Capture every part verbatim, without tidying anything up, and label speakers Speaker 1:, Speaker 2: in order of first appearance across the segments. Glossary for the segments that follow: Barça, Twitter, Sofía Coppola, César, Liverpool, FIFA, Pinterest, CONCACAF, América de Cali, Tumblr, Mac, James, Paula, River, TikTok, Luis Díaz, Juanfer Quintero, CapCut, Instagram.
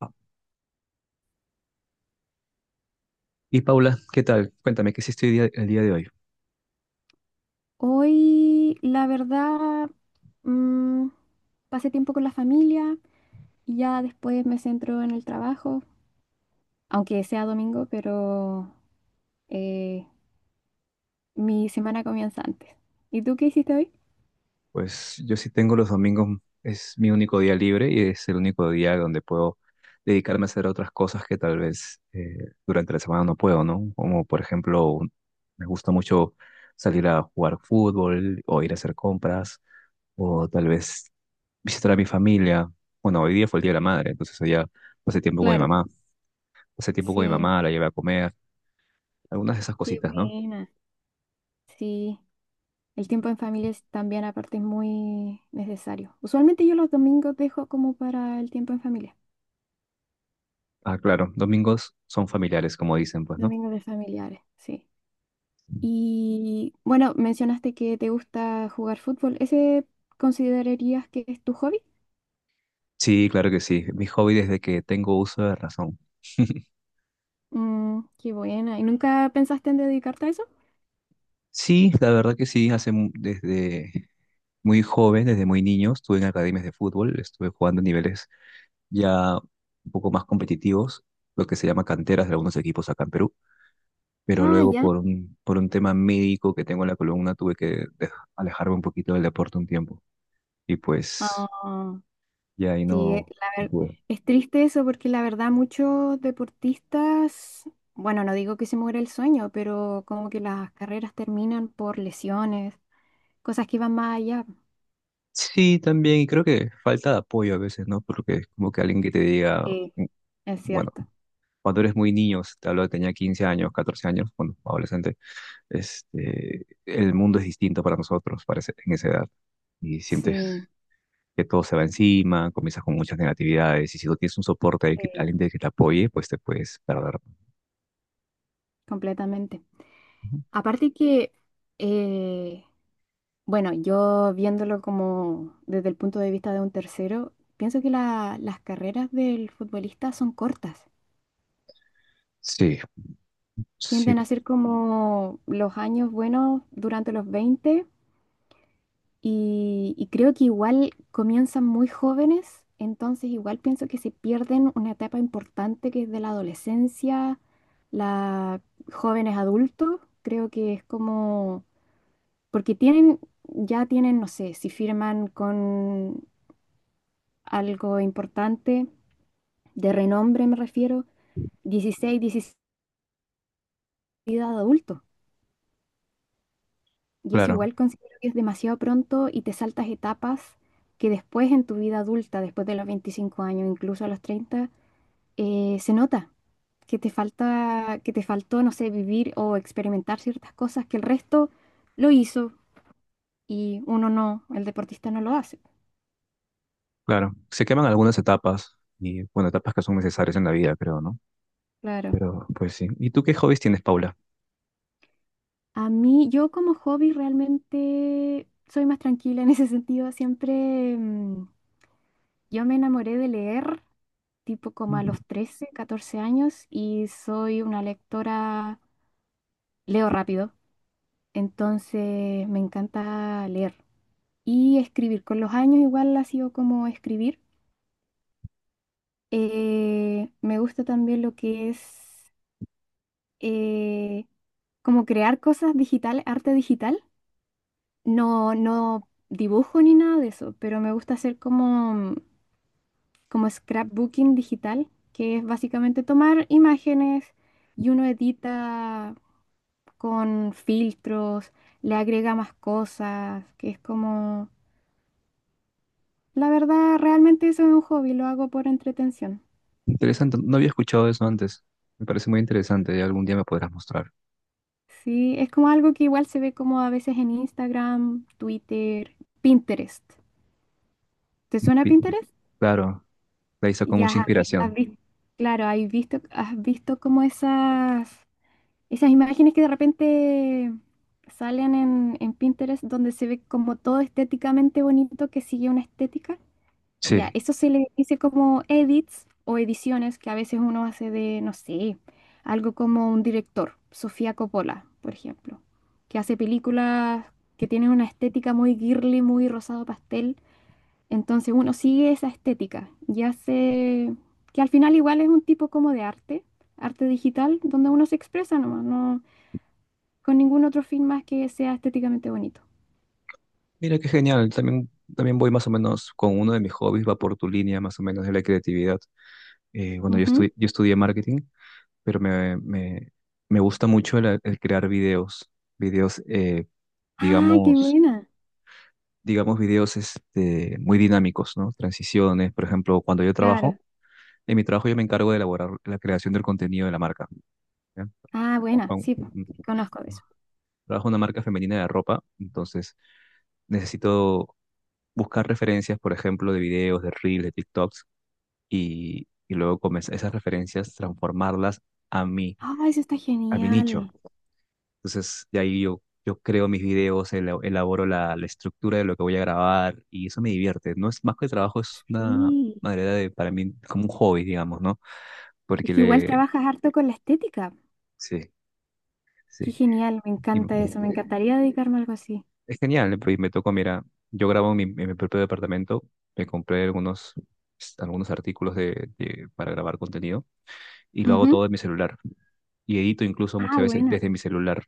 Speaker 1: Ah, Y Paula, ¿qué tal? Cuéntame, ¿qué hiciste día- el día de hoy?
Speaker 2: Hoy, la verdad, mm, pasé tiempo con la familia y ya después me centro en el trabajo, aunque sea domingo, pero eh, mi semana comienza antes. ¿Y tú qué hiciste hoy?
Speaker 1: Pues yo sí tengo los domingos, es mi único día libre y es el único día donde puedo dedicarme a hacer otras cosas que tal vez eh, durante la semana no puedo, ¿no? Como por ejemplo, un- me gusta mucho salir a jugar fútbol o ir a hacer compras o tal vez visitar a mi familia. Bueno, hoy día fue el Día de la Madre, entonces ya pasé tiempo con mi
Speaker 2: Claro,
Speaker 1: mamá, pasé tiempo con mi
Speaker 2: sí,
Speaker 1: mamá, la llevé a comer, algunas de esas
Speaker 2: qué
Speaker 1: cositas, ¿no?
Speaker 2: buena. Sí, el tiempo en familia es también aparte es muy necesario. Usualmente yo los domingos dejo como para el tiempo en familia,
Speaker 1: Ah, claro, domingos son familiares, como dicen, pues, ¿no?
Speaker 2: domingos de familiares, sí. Y bueno, mencionaste que te gusta jugar fútbol. ¿Ese considerarías que es tu hobby?
Speaker 1: Sí, claro que sí. Mi hobby desde que tengo uso de razón.
Speaker 2: Mm, qué buena. ¿Y nunca pensaste en dedicarte a eso?
Speaker 1: Sí, la verdad que sí. Hace mu- desde muy joven, desde muy niño, estuve en academias de fútbol, estuve jugando a niveles ya un poco más competitivos, lo que se llama canteras de algunos equipos acá en Perú. Pero
Speaker 2: Ah,
Speaker 1: luego
Speaker 2: ya.
Speaker 1: por un, por un tema médico que tengo en la columna, tuve que dej- alejarme un poquito del deporte un tiempo. Y pues
Speaker 2: Ah,
Speaker 1: ya ahí
Speaker 2: sí, eh,
Speaker 1: no,
Speaker 2: la
Speaker 1: no
Speaker 2: ver-
Speaker 1: pude.
Speaker 2: es triste eso porque la verdad muchos deportistas, bueno, no digo que se muera el sueño, pero como que las carreras terminan por lesiones, cosas que van más allá.
Speaker 1: Sí, también, y creo que falta de apoyo a veces, ¿no? Porque es como que alguien que te diga,
Speaker 2: Sí,
Speaker 1: "Mm,
Speaker 2: es
Speaker 1: bueno".
Speaker 2: cierto.
Speaker 1: Cuando eres muy niño, te hablo de tenía quince años, catorce años, cuando adolescente, este, el mundo es distinto para nosotros parece, en esa edad y sientes
Speaker 2: Sí,
Speaker 1: que todo se va encima, comienzas con muchas negatividades y si no tienes un soporte, alguien que
Speaker 2: sí,
Speaker 1: alguien de que te apoye, pues te puedes perder.
Speaker 2: completamente.
Speaker 1: Ujú.
Speaker 2: Aparte que eh, bueno, yo viéndolo como desde el punto de vista de un tercero, pienso que la- las carreras del futbolista son cortas.
Speaker 1: Sí, sí,
Speaker 2: Tienden a ser como los años buenos durante los veinte y, y creo que igual comienzan muy jóvenes, entonces igual pienso que se pierden una etapa importante que es de la adolescencia, la jóvenes adultos, creo que es como, porque tienen, ya tienen, no sé, si firman con algo importante, de renombre me refiero, dieciséis diecisiete de adulto. Y eso
Speaker 1: claro,
Speaker 2: igual considero que es demasiado pronto y te saltas etapas que después en tu vida adulta, después de los veinticinco años, incluso a los treinta eh, se nota que te falta, que te faltó, no sé, vivir o experimentar ciertas cosas que el resto lo hizo y uno no, el deportista no lo hace.
Speaker 1: claro. Se queman algunas etapas y, bueno, etapas que son necesarias en la vida, creo, ¿no?
Speaker 2: Claro.
Speaker 1: Pero, pues sí. ¿Y tú qué hobbies tienes, Paula?
Speaker 2: A mí, yo como hobby realmente soy más tranquila en ese sentido. Siempre mm, yo me enamoré de leer tipo como a
Speaker 1: Mm.
Speaker 2: los trece, catorce años y soy una lectora, leo rápido, entonces me encanta leer y escribir. Con los años igual ha sido como escribir. Eh, me gusta también lo que es eh, como crear cosas digitales, arte digital. No, no dibujo ni nada de eso, pero me gusta hacer como como scrapbooking digital, que es básicamente tomar imágenes y uno edita con filtros, le agrega más cosas, que es como, la verdad, realmente eso es un hobby, lo hago por entretención.
Speaker 1: Interesante, no había escuchado eso antes. Me parece muy interesante, ya algún día me podrás mostrar.
Speaker 2: Sí, es como algo que igual se ve como a veces en Instagram, Twitter, Pinterest. ¿Te suena
Speaker 1: Pi-
Speaker 2: Pinterest?
Speaker 1: Claro, la hizo con mucha
Speaker 2: Ya has,
Speaker 1: inspiración.
Speaker 2: has visto, claro, has visto, has visto como esas Esas imágenes que de repente salen en, en Pinterest donde se ve como todo estéticamente bonito que sigue una estética. Ya,
Speaker 1: Sí.
Speaker 2: eso se le dice como edits o ediciones que a veces uno hace de, no sé, algo como un director, Sofía Coppola, por ejemplo, que hace películas que tienen una estética muy girly, muy rosado pastel. Entonces uno sigue esa estética y hace, que al final igual es un tipo como de arte, arte digital, donde uno se expresa nomás, no con ningún otro fin más que sea estéticamente bonito.
Speaker 1: Mira qué genial. También, también voy más o menos con uno de mis hobbies, va por tu línea más o menos de la creatividad. Eh, bueno, yo,
Speaker 2: Ujú. Sí.
Speaker 1: estu- yo estudié marketing, pero me, me, me gusta mucho el, el crear videos. Videos, eh,
Speaker 2: Ah, qué
Speaker 1: digamos,
Speaker 2: buena.
Speaker 1: digamos videos este, muy dinámicos, ¿no? Transiciones, por ejemplo, cuando yo trabajo,
Speaker 2: Claro.
Speaker 1: en mi trabajo yo me encargo de elaborar la creación del contenido de la marca. ¿Ya?
Speaker 2: Ah, buena.
Speaker 1: Trabajo
Speaker 2: Sí, po,
Speaker 1: en-
Speaker 2: conozco de eso.
Speaker 1: trabajo en una marca femenina de ropa, entonces necesito buscar referencias, por ejemplo, de videos, de reels, de TikToks, y, y luego comenzar esas referencias, transformarlas a mí,
Speaker 2: Ah, eso está
Speaker 1: a mi nicho.
Speaker 2: genial.
Speaker 1: Entonces, de ahí yo, yo creo mis videos, ela- elaboro la, la estructura de lo que voy a grabar, y eso me divierte. No es más que trabajo, es una
Speaker 2: Sí.
Speaker 1: manera de, para mí, como un hobby, digamos, ¿no?
Speaker 2: Es
Speaker 1: Porque
Speaker 2: que igual
Speaker 1: le...
Speaker 2: trabajas harto con la estética.
Speaker 1: Sí,
Speaker 2: Qué
Speaker 1: sí.
Speaker 2: genial, me
Speaker 1: Y-
Speaker 2: encanta eso. Me encantaría dedicarme a algo así.
Speaker 1: Es genial, ¿no? Pues me tocó, mira, yo grabo en mi, en mi propio departamento, me compré algunos, algunos artículos de, de- para grabar contenido y lo hago
Speaker 2: Ujú.
Speaker 1: todo en mi celular. Y edito incluso
Speaker 2: Ah,
Speaker 1: muchas veces
Speaker 2: buena.
Speaker 1: desde mi celular.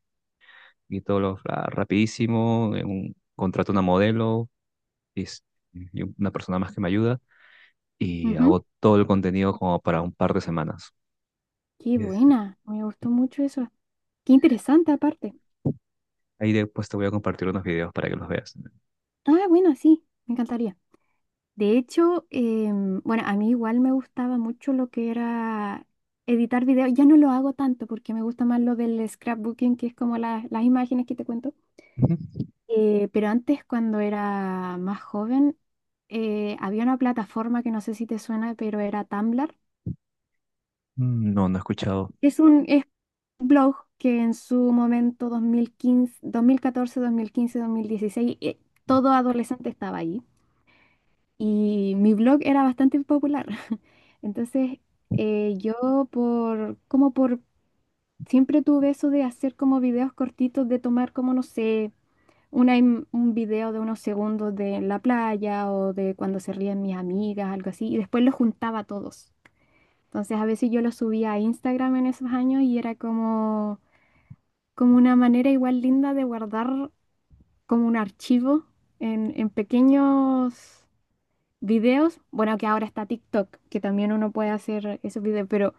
Speaker 1: Y todo lo ra- rapidísimo, en un, contrato una modelo y, es- y una persona más que me ayuda y
Speaker 2: Ujú.
Speaker 1: hago todo el contenido como para un par de semanas.
Speaker 2: Qué
Speaker 1: Y es-
Speaker 2: buena. Me gustó mucho eso. Qué interesante aparte.
Speaker 1: Ahí después te voy a compartir unos videos para que los veas.
Speaker 2: Ah, bueno sí. Me encantaría. De hecho, em, bueno, a mí igual me gustaba mucho lo que era editar videos. Ya no lo hago tanto porque me gusta más lo del scrapbooking, que es como la- las imágenes que te cuento.
Speaker 1: Ujú.
Speaker 2: Eh, pero antes, cuando era más joven, eh, había una plataforma que no sé si te suena, pero era Tumblr.
Speaker 1: Mm, no, no he escuchado.
Speaker 2: Es un es un blog que en su momento dos dos dos mil catorce, dos mil quince, catorce, dos mil quince, dos mil catorce, dos mil quince, dos mil dieciséis, eh, todo adolescente estaba ahí. Y mi blog era bastante popular. Entonces, eh, yo por, como por, siempre tuve eso de hacer como videos cortitos, de tomar como, no sé, una im- un video de unos segundos de la playa o de cuando se ríen mis amigas, algo así, y después los juntaba a todos. Entonces, a veces yo los subía a Instagram en esos años y era como, como una manera igual linda de guardar como un archivo en, en pequeños videos, bueno, que ahora está TikTok, que también uno puede hacer esos videos, pero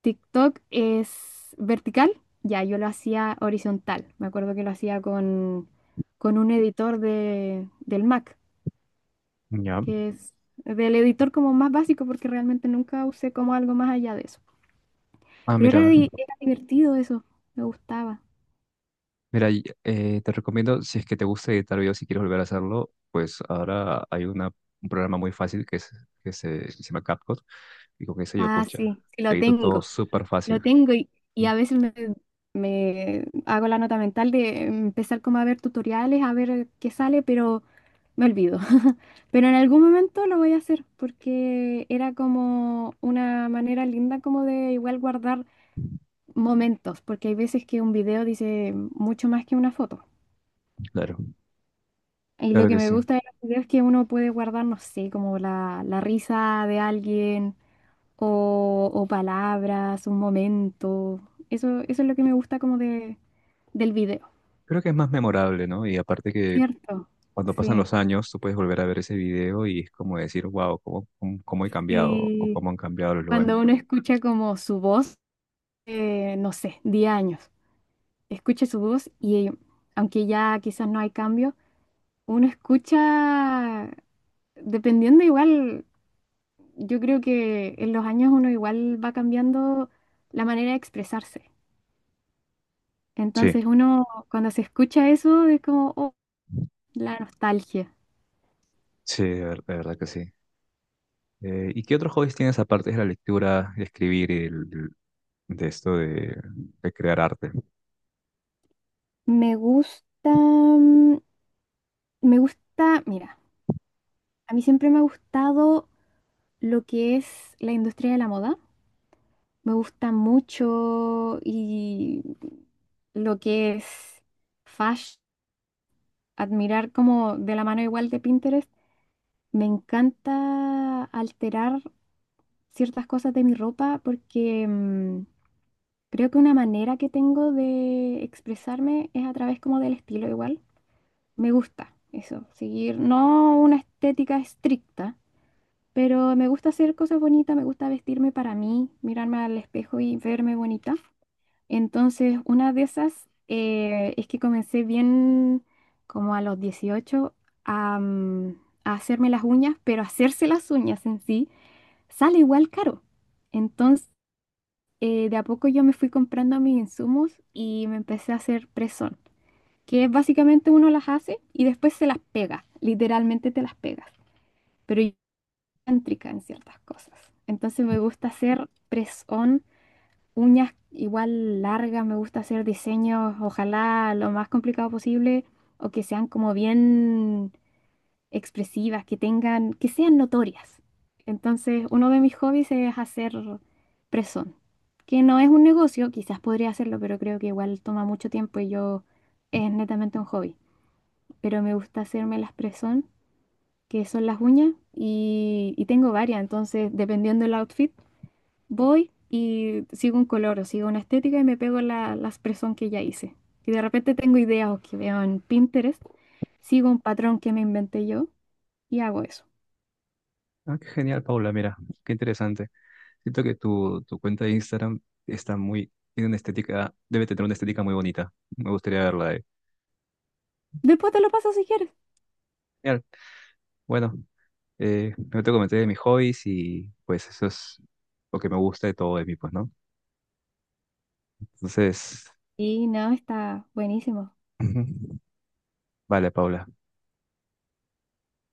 Speaker 2: TikTok es vertical, ya yo lo hacía horizontal, me acuerdo que lo hacía con, con un editor de, del Mac,
Speaker 1: Ya.
Speaker 2: que es del editor como más básico, porque realmente nunca usé como algo más allá de eso,
Speaker 1: Ah,
Speaker 2: pero era,
Speaker 1: mira.
Speaker 2: di- era divertido eso, me gustaba.
Speaker 1: Mira, y, eh, te recomiendo, si es que te gusta editar videos y quieres volver a hacerlo, pues ahora hay una, un programa muy fácil que, es, que se, que se llama CapCut y con eso yo,
Speaker 2: Ah,
Speaker 1: pucha,
Speaker 2: sí, sí lo
Speaker 1: edito todo
Speaker 2: tengo.
Speaker 1: súper fácil.
Speaker 2: Lo tengo y, y a
Speaker 1: Ujú,
Speaker 2: veces me, me hago la nota mental de empezar como a ver tutoriales, a ver qué sale, pero me olvido. Pero en algún momento lo voy a hacer porque era como una manera linda como de igual guardar momentos, porque hay veces que un video dice mucho más que una foto.
Speaker 1: claro,
Speaker 2: Y lo
Speaker 1: claro
Speaker 2: que
Speaker 1: que
Speaker 2: me
Speaker 1: sí.
Speaker 2: gusta de los videos es que uno puede guardar, no sé, como la, la risa de alguien o, o palabras, un momento. Eso, eso es lo que me gusta como de, del video,
Speaker 1: Creo que es más memorable, ¿no? Y aparte que
Speaker 2: ¿cierto?
Speaker 1: cuando pasan
Speaker 2: Sí,
Speaker 1: los años, tú puedes volver a ver ese video y es como decir, wow, cómo, cómo, cómo he cambiado o
Speaker 2: sí.
Speaker 1: cómo han cambiado los lugares.
Speaker 2: Cuando uno escucha como su voz, eh, no sé, diez años, escucha su voz y aunque ya quizás no hay cambio, uno escucha, dependiendo igual, yo creo que en los años uno igual va cambiando la manera de expresarse.
Speaker 1: Sí,
Speaker 2: Entonces uno cuando se escucha eso es como, oh, la nostalgia.
Speaker 1: sí, de, ver- de verdad que sí. Eh, ¿y qué otros hobbies tienes aparte de la lectura, de escribir y del- del- de esto de de crear arte?
Speaker 2: Me gusta, mm, me gusta, mira, a mí siempre me ha gustado lo que es la industria de la moda. Me gusta mucho y lo que es fashion, admirar como de la mano igual de Pinterest. Me encanta alterar ciertas cosas de mi ropa porque mm, creo que una manera que tengo de expresarme es a través como del estilo igual. Me gusta eso, seguir no una estética estricta, pero me gusta hacer cosas bonitas, me gusta vestirme para mí, mirarme al espejo y verme bonita. Entonces, una de esas eh, es que comencé bien como a los dieciocho a, mm, a hacerme las uñas, pero hacerse las uñas en sí sale igual caro. Entonces, eh, de a poco yo me fui comprando mis insumos y me empecé a hacer press que es básicamente uno las hace y después se las pega, literalmente te las pegas, pero yo soy cántrica en ciertas cosas. Entonces me gusta hacer press-on, uñas igual largas, me gusta hacer diseños, ojalá lo más complicado posible o que sean como bien expresivas, que tengan, que sean notorias. Entonces, uno de mis hobbies es hacer press-on, que no es un negocio, quizás podría hacerlo, pero creo que igual toma mucho tiempo y yo es netamente un hobby pero me gusta hacerme las presón, que son las uñas, y, y tengo varias, entonces dependiendo del outfit, voy y sigo un color o sigo una estética y me pego la, las presón que ya hice. Y de repente tengo ideas o que veo en Pinterest, sigo un patrón que me inventé yo y hago eso.
Speaker 1: Ah, qué genial, Paula, mira, qué interesante. Siento que tu, tu cuenta de Instagram está muy, tiene una estética, debe tener una estética muy bonita. Me gustaría verla ahí.
Speaker 2: Después te lo paso si quieres.
Speaker 1: Genial. Bueno, eh, no te comenté de mis hobbies y pues eso es lo que me gusta de todo de mí, pues, ¿no? Entonces,
Speaker 2: Y no, está buenísimo.
Speaker 1: ujú. Vale, Paula.